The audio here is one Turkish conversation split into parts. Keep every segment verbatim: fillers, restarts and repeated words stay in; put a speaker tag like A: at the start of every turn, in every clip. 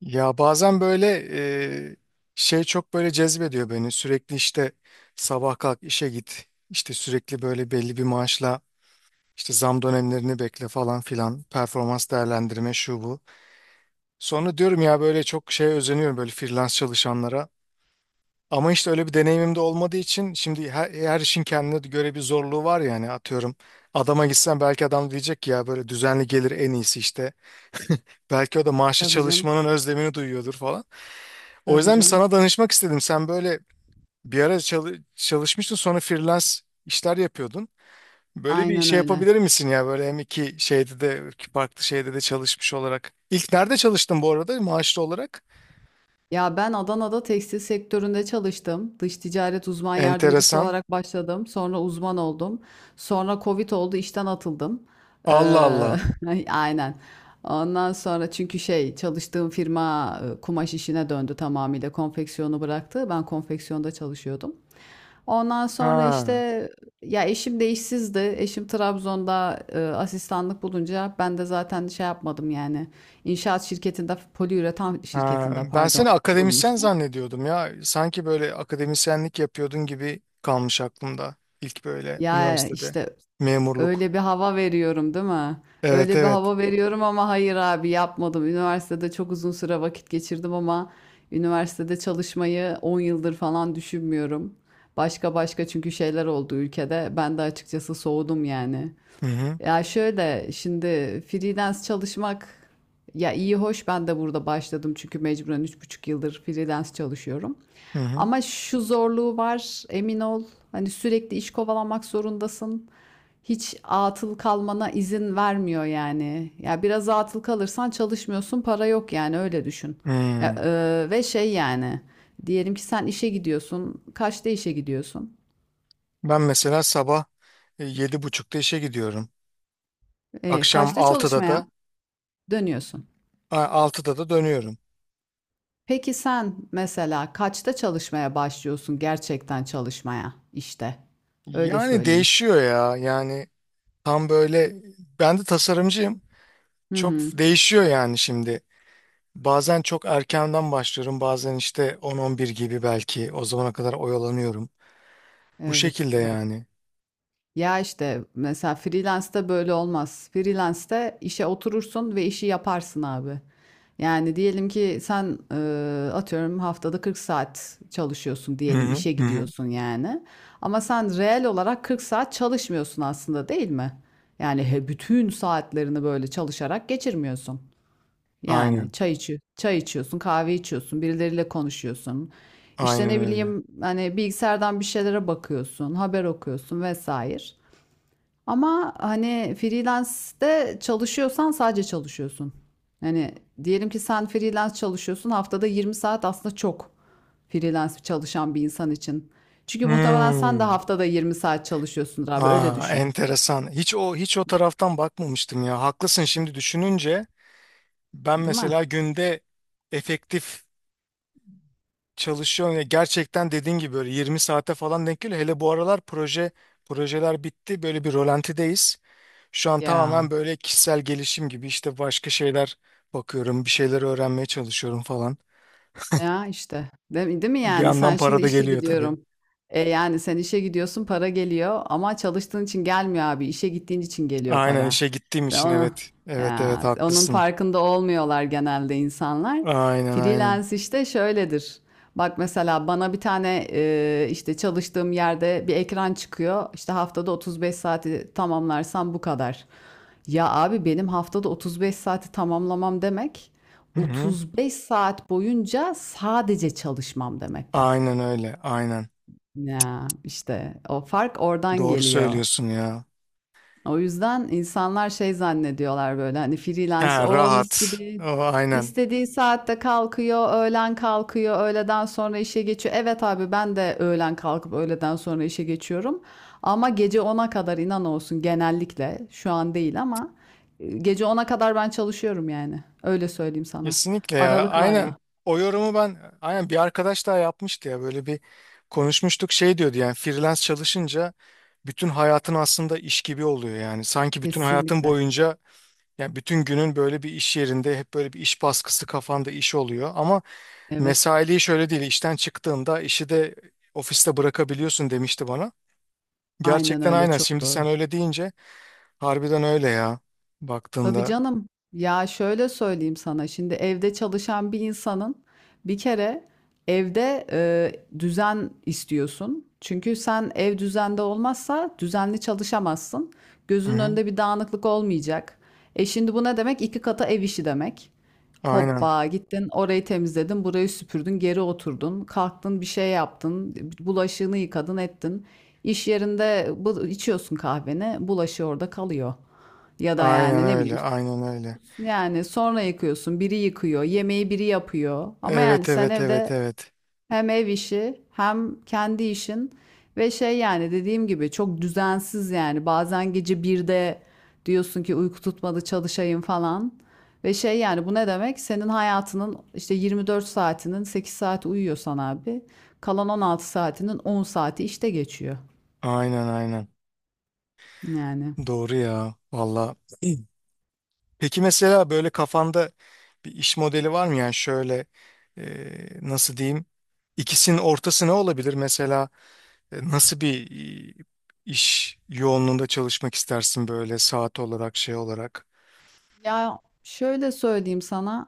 A: Ya bazen böyle e, şey çok böyle cezbediyor beni. Sürekli işte sabah kalk işe git. İşte sürekli böyle belli bir maaşla işte zam dönemlerini bekle falan filan. Performans değerlendirme şu bu. Sonra diyorum ya böyle çok şey özeniyorum böyle freelance çalışanlara. Ama işte öyle bir deneyimim de olmadığı için şimdi her, her işin kendine göre bir zorluğu var yani atıyorum. Adama gitsen belki adam diyecek ki ya böyle düzenli gelir en iyisi işte. Belki o da maaşlı
B: Tabii canım,
A: çalışmanın özlemini duyuyordur O
B: tabii
A: yüzden bir
B: canım.
A: sana danışmak istedim. Sen böyle bir ara çalı- çalışmıştın sonra freelance işler yapıyordun. Böyle bir
B: Aynen
A: şey
B: öyle.
A: yapabilir misin ya böyle hem iki şeyde de iki farklı şeyde de çalışmış olarak. İlk nerede çalıştın bu arada maaşlı olarak?
B: Ya ben Adana'da tekstil sektöründe çalıştım. Dış ticaret uzman yardımcısı
A: Enteresan.
B: olarak başladım. Sonra uzman oldum. Sonra Covid oldu, işten atıldım.
A: Allah
B: Ee,
A: Allah.
B: aynen. Ondan sonra çünkü şey çalıştığım firma e, kumaş işine döndü tamamıyla. Konfeksiyonu bıraktı. Ben konfeksiyonda çalışıyordum. Ondan sonra işte
A: Ha,
B: ya eşim de işsizdi. Eşim Trabzon'da e, asistanlık bulunca ben de zaten şey yapmadım yani. İnşaat şirketinde, poliüretan
A: ha.
B: şirketinde
A: Ben
B: pardon
A: seni akademisyen
B: bulmuştum.
A: zannediyordum ya. Sanki böyle akademisyenlik yapıyordun gibi kalmış aklımda. İlk böyle
B: Ya
A: üniversitede
B: işte
A: memurluk.
B: öyle bir hava veriyorum değil mi?
A: Evet
B: Öyle bir
A: evet.
B: hava veriyorum ama hayır abi yapmadım. Üniversitede çok uzun süre vakit geçirdim ama üniversitede çalışmayı on yıldır falan düşünmüyorum. Başka başka çünkü şeyler oldu ülkede. Ben de açıkçası soğudum yani.
A: Hı hı.
B: Ya şöyle şimdi freelance çalışmak ya iyi hoş ben de burada başladım çünkü mecburen üç buçuk yıldır freelance çalışıyorum.
A: Hı hı.
B: Ama şu zorluğu var emin ol hani sürekli iş kovalamak zorundasın. Hiç atıl kalmana izin vermiyor yani. Ya biraz atıl kalırsan çalışmıyorsun para yok yani öyle düşün. Ya,
A: Hı.
B: e, ve şey yani diyelim ki sen işe gidiyorsun kaçta işe gidiyorsun?
A: Ben mesela sabah e, yedi buçukta işe gidiyorum.
B: E,
A: Akşam
B: kaçta
A: altıda
B: çalışmaya
A: da
B: dönüyorsun?
A: a, altıda da dönüyorum.
B: Peki sen mesela kaçta çalışmaya başlıyorsun gerçekten çalışmaya işte? Öyle
A: Yani
B: söyleyeyim.
A: değişiyor ya. Yani tam böyle ben de tasarımcıyım.
B: Hı
A: Çok
B: hı.
A: değişiyor yani şimdi. Bazen çok erkenden başlıyorum. Bazen işte on on bir gibi belki. O zamana kadar oyalanıyorum. Bu
B: Evet
A: şekilde
B: bak.
A: yani.
B: Ya işte mesela freelance'de böyle olmaz. Freelance'de işe oturursun ve işi yaparsın abi. Yani diyelim ki sen e, atıyorum haftada kırk saat çalışıyorsun
A: Hı
B: diyelim
A: hı
B: işe
A: hı. hı.
B: gidiyorsun yani. Ama sen reel olarak kırk saat çalışmıyorsun aslında değil mi? Yani he, bütün saatlerini böyle çalışarak geçirmiyorsun. Yani
A: Aynen.
B: çay içiyor, çay içiyorsun, kahve içiyorsun, birileriyle konuşuyorsun. İşte
A: Aynen
B: ne
A: öyle.
B: bileyim hani bilgisayardan bir şeylere bakıyorsun, haber okuyorsun vesaire. Ama hani freelance'de çalışıyorsan sadece çalışıyorsun. Hani diyelim ki sen freelance çalışıyorsun, haftada yirmi saat aslında çok freelance çalışan bir insan için. Çünkü muhtemelen sen de
A: Hmm.
B: haftada yirmi saat çalışıyorsundur abi öyle
A: Aa,
B: düşün.
A: enteresan. Hiç o hiç o taraftan bakmamıştım ya. Haklısın şimdi düşününce. Ben
B: Değil mi?
A: mesela günde efektif çalışıyorum. Ya gerçekten dediğin gibi böyle yirmi saate falan denk geliyor. Hele bu aralar proje projeler bitti. Böyle bir rolantideyiz. Şu an
B: Ya
A: tamamen böyle kişisel gelişim gibi işte başka şeyler bakıyorum. Bir şeyler öğrenmeye çalışıyorum falan.
B: Ya, işte. Değil değil mi
A: Bir
B: yani?
A: yandan
B: Sen
A: para
B: şimdi
A: da
B: işe
A: geliyor tabii.
B: gidiyorum. E, yani sen işe gidiyorsun, para geliyor ama çalıştığın için gelmiyor abi. İşe gittiğin için geliyor
A: Aynen
B: para.
A: işe gittiğim
B: Ve
A: için
B: onu,
A: evet. Evet evet
B: ya, onun
A: haklısın.
B: farkında olmuyorlar genelde insanlar.
A: Aynen aynen.
B: Freelance işte şöyledir. Bak mesela bana bir tane e, işte çalıştığım yerde bir ekran çıkıyor. İşte haftada otuz beş saati tamamlarsam bu kadar. Ya abi benim haftada otuz beş saati tamamlamam demek.
A: Hı hı.
B: otuz beş saat boyunca sadece çalışmam demek bak.
A: Aynen öyle aynen.
B: Ya işte o fark oradan
A: Doğru
B: geliyor.
A: söylüyorsun ya.
B: O yüzden insanlar şey zannediyorlar böyle hani freelance
A: Ha,
B: o mis
A: rahat.
B: gibi
A: O, aynen.
B: istediği saatte kalkıyor, öğlen kalkıyor, öğleden sonra işe geçiyor. Evet abi ben de öğlen kalkıp öğleden sonra işe geçiyorum. Ama gece ona kadar inan olsun genellikle şu an değil ama e, gece ona kadar ben çalışıyorum yani. Öyle söyleyeyim sana.
A: Kesinlikle ya aynen
B: Aralıklarla
A: o yorumu ben aynen bir arkadaş daha yapmıştı ya böyle bir konuşmuştuk şey diyordu yani freelance çalışınca bütün hayatın aslında iş gibi oluyor yani sanki bütün hayatın
B: kesinlikle.
A: boyunca yani bütün günün böyle bir iş yerinde hep böyle bir iş baskısı kafanda iş oluyor ama
B: Evet,
A: mesailiği şöyle değil işten çıktığında işi de ofiste bırakabiliyorsun demişti bana.
B: aynen
A: Gerçekten
B: öyle,
A: aynen
B: çok
A: şimdi
B: doğru.
A: sen öyle deyince harbiden öyle ya
B: Tabii
A: baktığında.
B: canım. Ya şöyle söyleyeyim sana, şimdi evde çalışan bir insanın bir kere evde e, düzen istiyorsun. Çünkü sen ev düzende olmazsa düzenli çalışamazsın.
A: Hı
B: Gözünün
A: hı.
B: önünde bir dağınıklık olmayacak. E şimdi bu ne demek? İki kata ev işi demek.
A: Aynen
B: Hoppa gittin orayı temizledin, burayı süpürdün, geri oturdun, kalktın bir şey yaptın, bulaşığını yıkadın ettin. İş yerinde bu, içiyorsun kahveni, bulaşığı orada kalıyor. Ya da
A: aynen
B: yani ne bileyim
A: öyle aynen öyle.
B: yani sonra yıkıyorsun, biri yıkıyor, yemeği biri yapıyor. Ama yani
A: Evet
B: sen
A: evet evet
B: evde
A: evet.
B: hem ev işi hem kendi işin ve şey yani dediğim gibi çok düzensiz yani bazen gece birde diyorsun ki uyku tutmadı çalışayım falan ve şey yani bu ne demek senin hayatının işte yirmi dört saatinin sekiz saati uyuyorsan abi kalan on altı saatinin on saati işte geçiyor
A: Aynen aynen.
B: yani.
A: Doğru ya. Valla. Peki mesela böyle kafanda bir iş modeli var mı? Yani şöyle e, nasıl diyeyim? İkisinin ortası ne olabilir? Mesela e, nasıl bir e, iş yoğunluğunda çalışmak istersin böyle saat olarak şey olarak?
B: Ya şöyle söyleyeyim sana.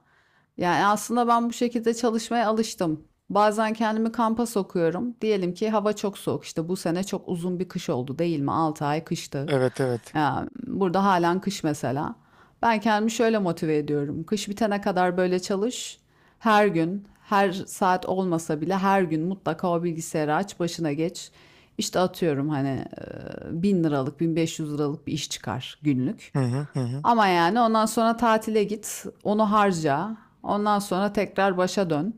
B: Yani aslında ben bu şekilde çalışmaya alıştım. Bazen kendimi kampa sokuyorum. Diyelim ki hava çok soğuk. İşte bu sene çok uzun bir kış oldu değil mi? Altı ay kıştı.
A: Evet evet.
B: Ya burada halen kış mesela. Ben kendimi şöyle motive ediyorum. Kış bitene kadar böyle çalış. Her gün, her saat olmasa bile her gün mutlaka o bilgisayarı aç, başına geç. İşte atıyorum hani e, bin liralık, bin beş yüz liralık bir iş çıkar günlük.
A: Hı hı hı hı.
B: Ama yani ondan sonra tatile git, onu harca. Ondan sonra tekrar başa dön.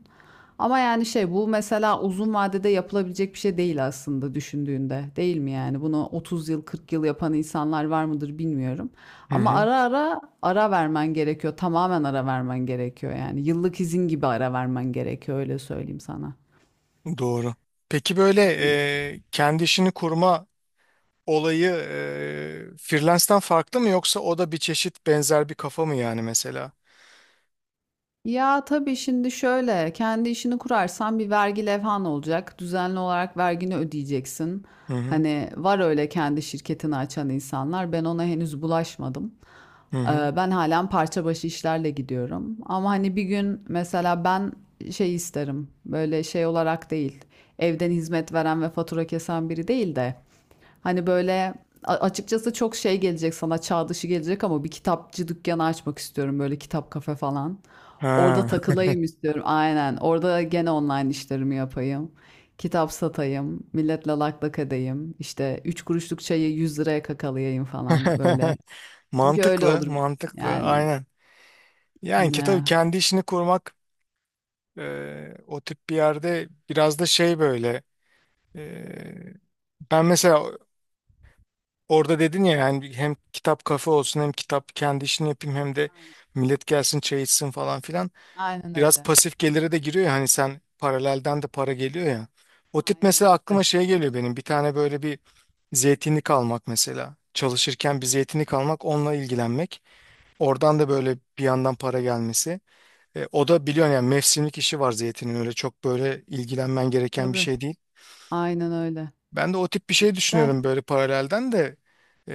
B: Ama yani şey bu mesela uzun vadede yapılabilecek bir şey değil aslında düşündüğünde. Değil mi yani? Bunu otuz yıl, kırk yıl yapan insanlar var mıdır bilmiyorum.
A: Hı
B: Ama
A: hı.
B: ara ara ara vermen gerekiyor. Tamamen ara vermen gerekiyor yani. Yıllık izin gibi ara vermen gerekiyor öyle söyleyeyim sana.
A: Doğru. Peki böyle e, kendi işini kurma olayı e, freelance'den farklı mı yoksa o da bir çeşit benzer bir kafa mı yani mesela?
B: Ya tabii şimdi şöyle, kendi işini kurarsan bir vergi levhan olacak. Düzenli olarak vergini ödeyeceksin.
A: Hı hı.
B: Hani var öyle kendi şirketini açan insanlar. Ben ona henüz bulaşmadım.
A: Hı
B: Ee,
A: hı.
B: ben halen parça başı işlerle gidiyorum. Ama hani bir gün mesela ben şey isterim. Böyle şey olarak değil. Evden hizmet veren ve fatura kesen biri değil de. Hani böyle a- açıkçası çok şey gelecek sana çağ dışı gelecek ama bir kitapçı dükkanı açmak istiyorum böyle kitap kafe falan. Orada
A: Ha.
B: takılayım istiyorum. Aynen. Orada gene online işlerimi yapayım. Kitap satayım. Milletle lak lak edeyim. İşte üç kuruşluk çayı yüz liraya kakalayayım falan böyle. Çünkü öyle
A: Mantıklı,
B: olur.
A: mantıklı.
B: Yani
A: Aynen. Yani ki tabii
B: ne?
A: kendi işini kurmak e, o tip bir yerde biraz da şey böyle e, ben mesela orada dedin ya yani hem kitap kafe olsun hem kitap kendi işini yapayım hem de
B: Aynen.
A: millet gelsin çay içsin falan filan.
B: Aynen
A: Biraz
B: öyle.
A: pasif gelire de giriyor ya hani sen paralelden de para geliyor ya. O tip
B: Aynen
A: mesela aklıma
B: öyle.
A: şey geliyor benim bir tane böyle bir zeytinlik almak mesela. Çalışırken bir zeytinlik almak onunla ilgilenmek. Oradan da böyle bir yandan para gelmesi. E, o da biliyorsun yani mevsimlik işi var zeytinin öyle çok böyle ilgilenmen
B: Tabii
A: gereken bir
B: tabii.
A: şey değil.
B: Aynen öyle.
A: Ben de o tip bir şey
B: Güzel.
A: düşünüyorum böyle paralelden de. E,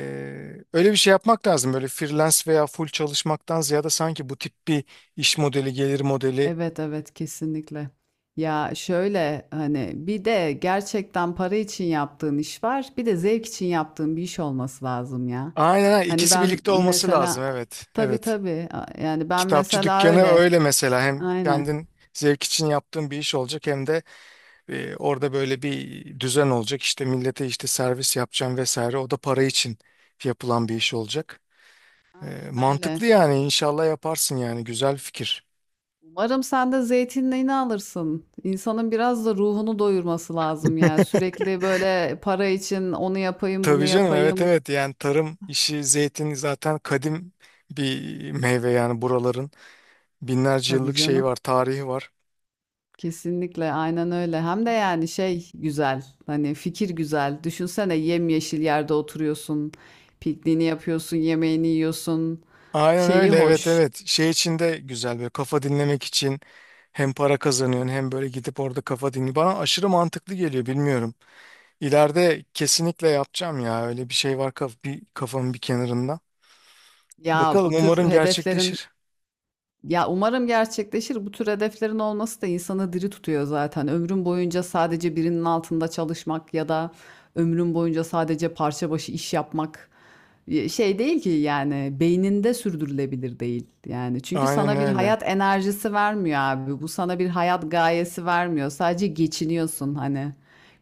A: Öyle bir şey yapmak lazım böyle freelance veya full çalışmaktan ziyade sanki bu tip bir iş modeli gelir modeli
B: Evet evet kesinlikle. Ya şöyle hani bir de gerçekten para için yaptığın iş var. Bir de zevk için yaptığın bir iş olması lazım ya.
A: Aynen aynen.
B: Hani
A: ikisi
B: ben
A: birlikte olması lazım
B: mesela
A: evet.
B: tabii
A: Evet.
B: tabii a- yani ben
A: Kitapçı
B: mesela
A: dükkanı
B: öyle.
A: öyle mesela hem
B: Aynen.
A: kendin zevk için yaptığın bir iş olacak hem de e, orada böyle bir düzen olacak. İşte millete işte servis yapacağım vesaire. O da para için yapılan bir iş olacak. E,
B: Aynen öyle.
A: mantıklı yani inşallah yaparsın yani güzel fikir.
B: Umarım sen de zeytinliğini alırsın. İnsanın biraz da ruhunu doyurması lazım ya. Sürekli böyle para için onu yapayım, bunu
A: Tabii canım evet
B: yapayım.
A: evet yani tarım işi zeytin zaten kadim bir meyve yani buraların binlerce
B: Tabii
A: yıllık şeyi
B: canım.
A: var tarihi var.
B: Kesinlikle aynen öyle. Hem de yani şey güzel. Hani fikir güzel. Düşünsene yemyeşil yerde oturuyorsun. Pikniğini yapıyorsun, yemeğini yiyorsun.
A: Aynen
B: Şeyi
A: öyle evet
B: hoş.
A: evet. Şey için de güzel böyle kafa dinlemek için hem para kazanıyorsun hem böyle gidip orada kafa dinli. Bana aşırı mantıklı geliyor bilmiyorum. İleride kesinlikle yapacağım ya öyle bir şey var kaf bir kafamın bir kenarında.
B: Ya
A: Bakalım
B: bu tür
A: umarım
B: hedeflerin
A: gerçekleşir.
B: Ya umarım gerçekleşir. Bu tür hedeflerin olması da insanı diri tutuyor zaten. Ömrün boyunca sadece birinin altında çalışmak ya da ömrün boyunca sadece parça başı iş yapmak e, şey değil ki yani beyninde sürdürülebilir değil. Yani çünkü
A: Aynen
B: sana bir
A: öyle.
B: hayat enerjisi vermiyor abi. Bu sana bir hayat gayesi vermiyor. Sadece geçiniyorsun hani.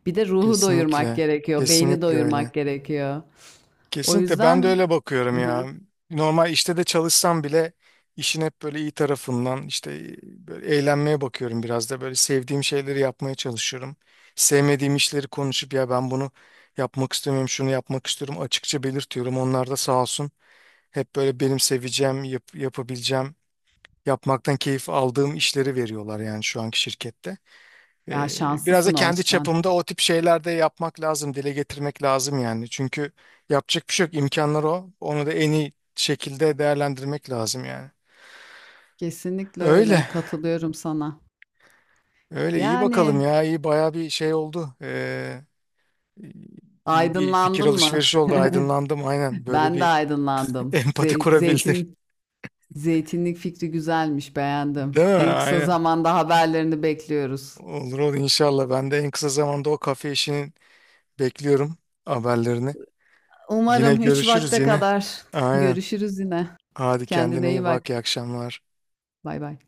B: Bir de ruhu doyurmak
A: Kesinlikle.
B: gerekiyor, beyni
A: Kesinlikle öyle.
B: doyurmak gerekiyor. O
A: Kesinlikle ben de
B: yüzden.
A: öyle bakıyorum
B: Hı
A: ya.
B: hı.
A: Normal işte de çalışsam bile işin hep böyle iyi tarafından işte böyle eğlenmeye bakıyorum biraz da böyle sevdiğim şeyleri yapmaya çalışıyorum. Sevmediğim işleri konuşup ya ben bunu yapmak istemiyorum, şunu yapmak istiyorum açıkça belirtiyorum. Onlar da sağ olsun hep böyle benim seveceğim, yap- yapabileceğim, yapmaktan keyif aldığım işleri veriyorlar yani şu anki şirkette.
B: Ya
A: Ee, biraz da
B: şanslısın o
A: kendi
B: açıdan.
A: çapımda o tip şeyler de yapmak lazım, dile getirmek lazım yani. Çünkü yapacak bir şey yok, imkanlar o. Onu da en iyi şekilde değerlendirmek lazım yani.
B: Kesinlikle
A: Öyle,
B: öyle, katılıyorum sana.
A: öyle iyi bakalım
B: Yani,
A: ya, iyi baya bir şey oldu. Ee, iyi bir fikir
B: aydınlandın mı?
A: alışverişi oldu, aydınlandım aynen. Böyle
B: Ben de
A: bir
B: aydınlandım.
A: empati
B: Zey
A: kurabildim.
B: zeytin zeytinlik fikri güzelmiş, beğendim.
A: Değil mi?
B: En kısa
A: Aynen.
B: zamanda haberlerini bekliyoruz.
A: Olur olur inşallah. Ben de en kısa zamanda o kafe işini bekliyorum haberlerini. Yine
B: Umarım üç
A: görüşürüz
B: vakte
A: yine.
B: kadar.
A: Aynen.
B: Görüşürüz yine.
A: Hadi kendine
B: Kendine iyi
A: iyi
B: bak.
A: bak. İyi akşamlar.
B: Bay bay.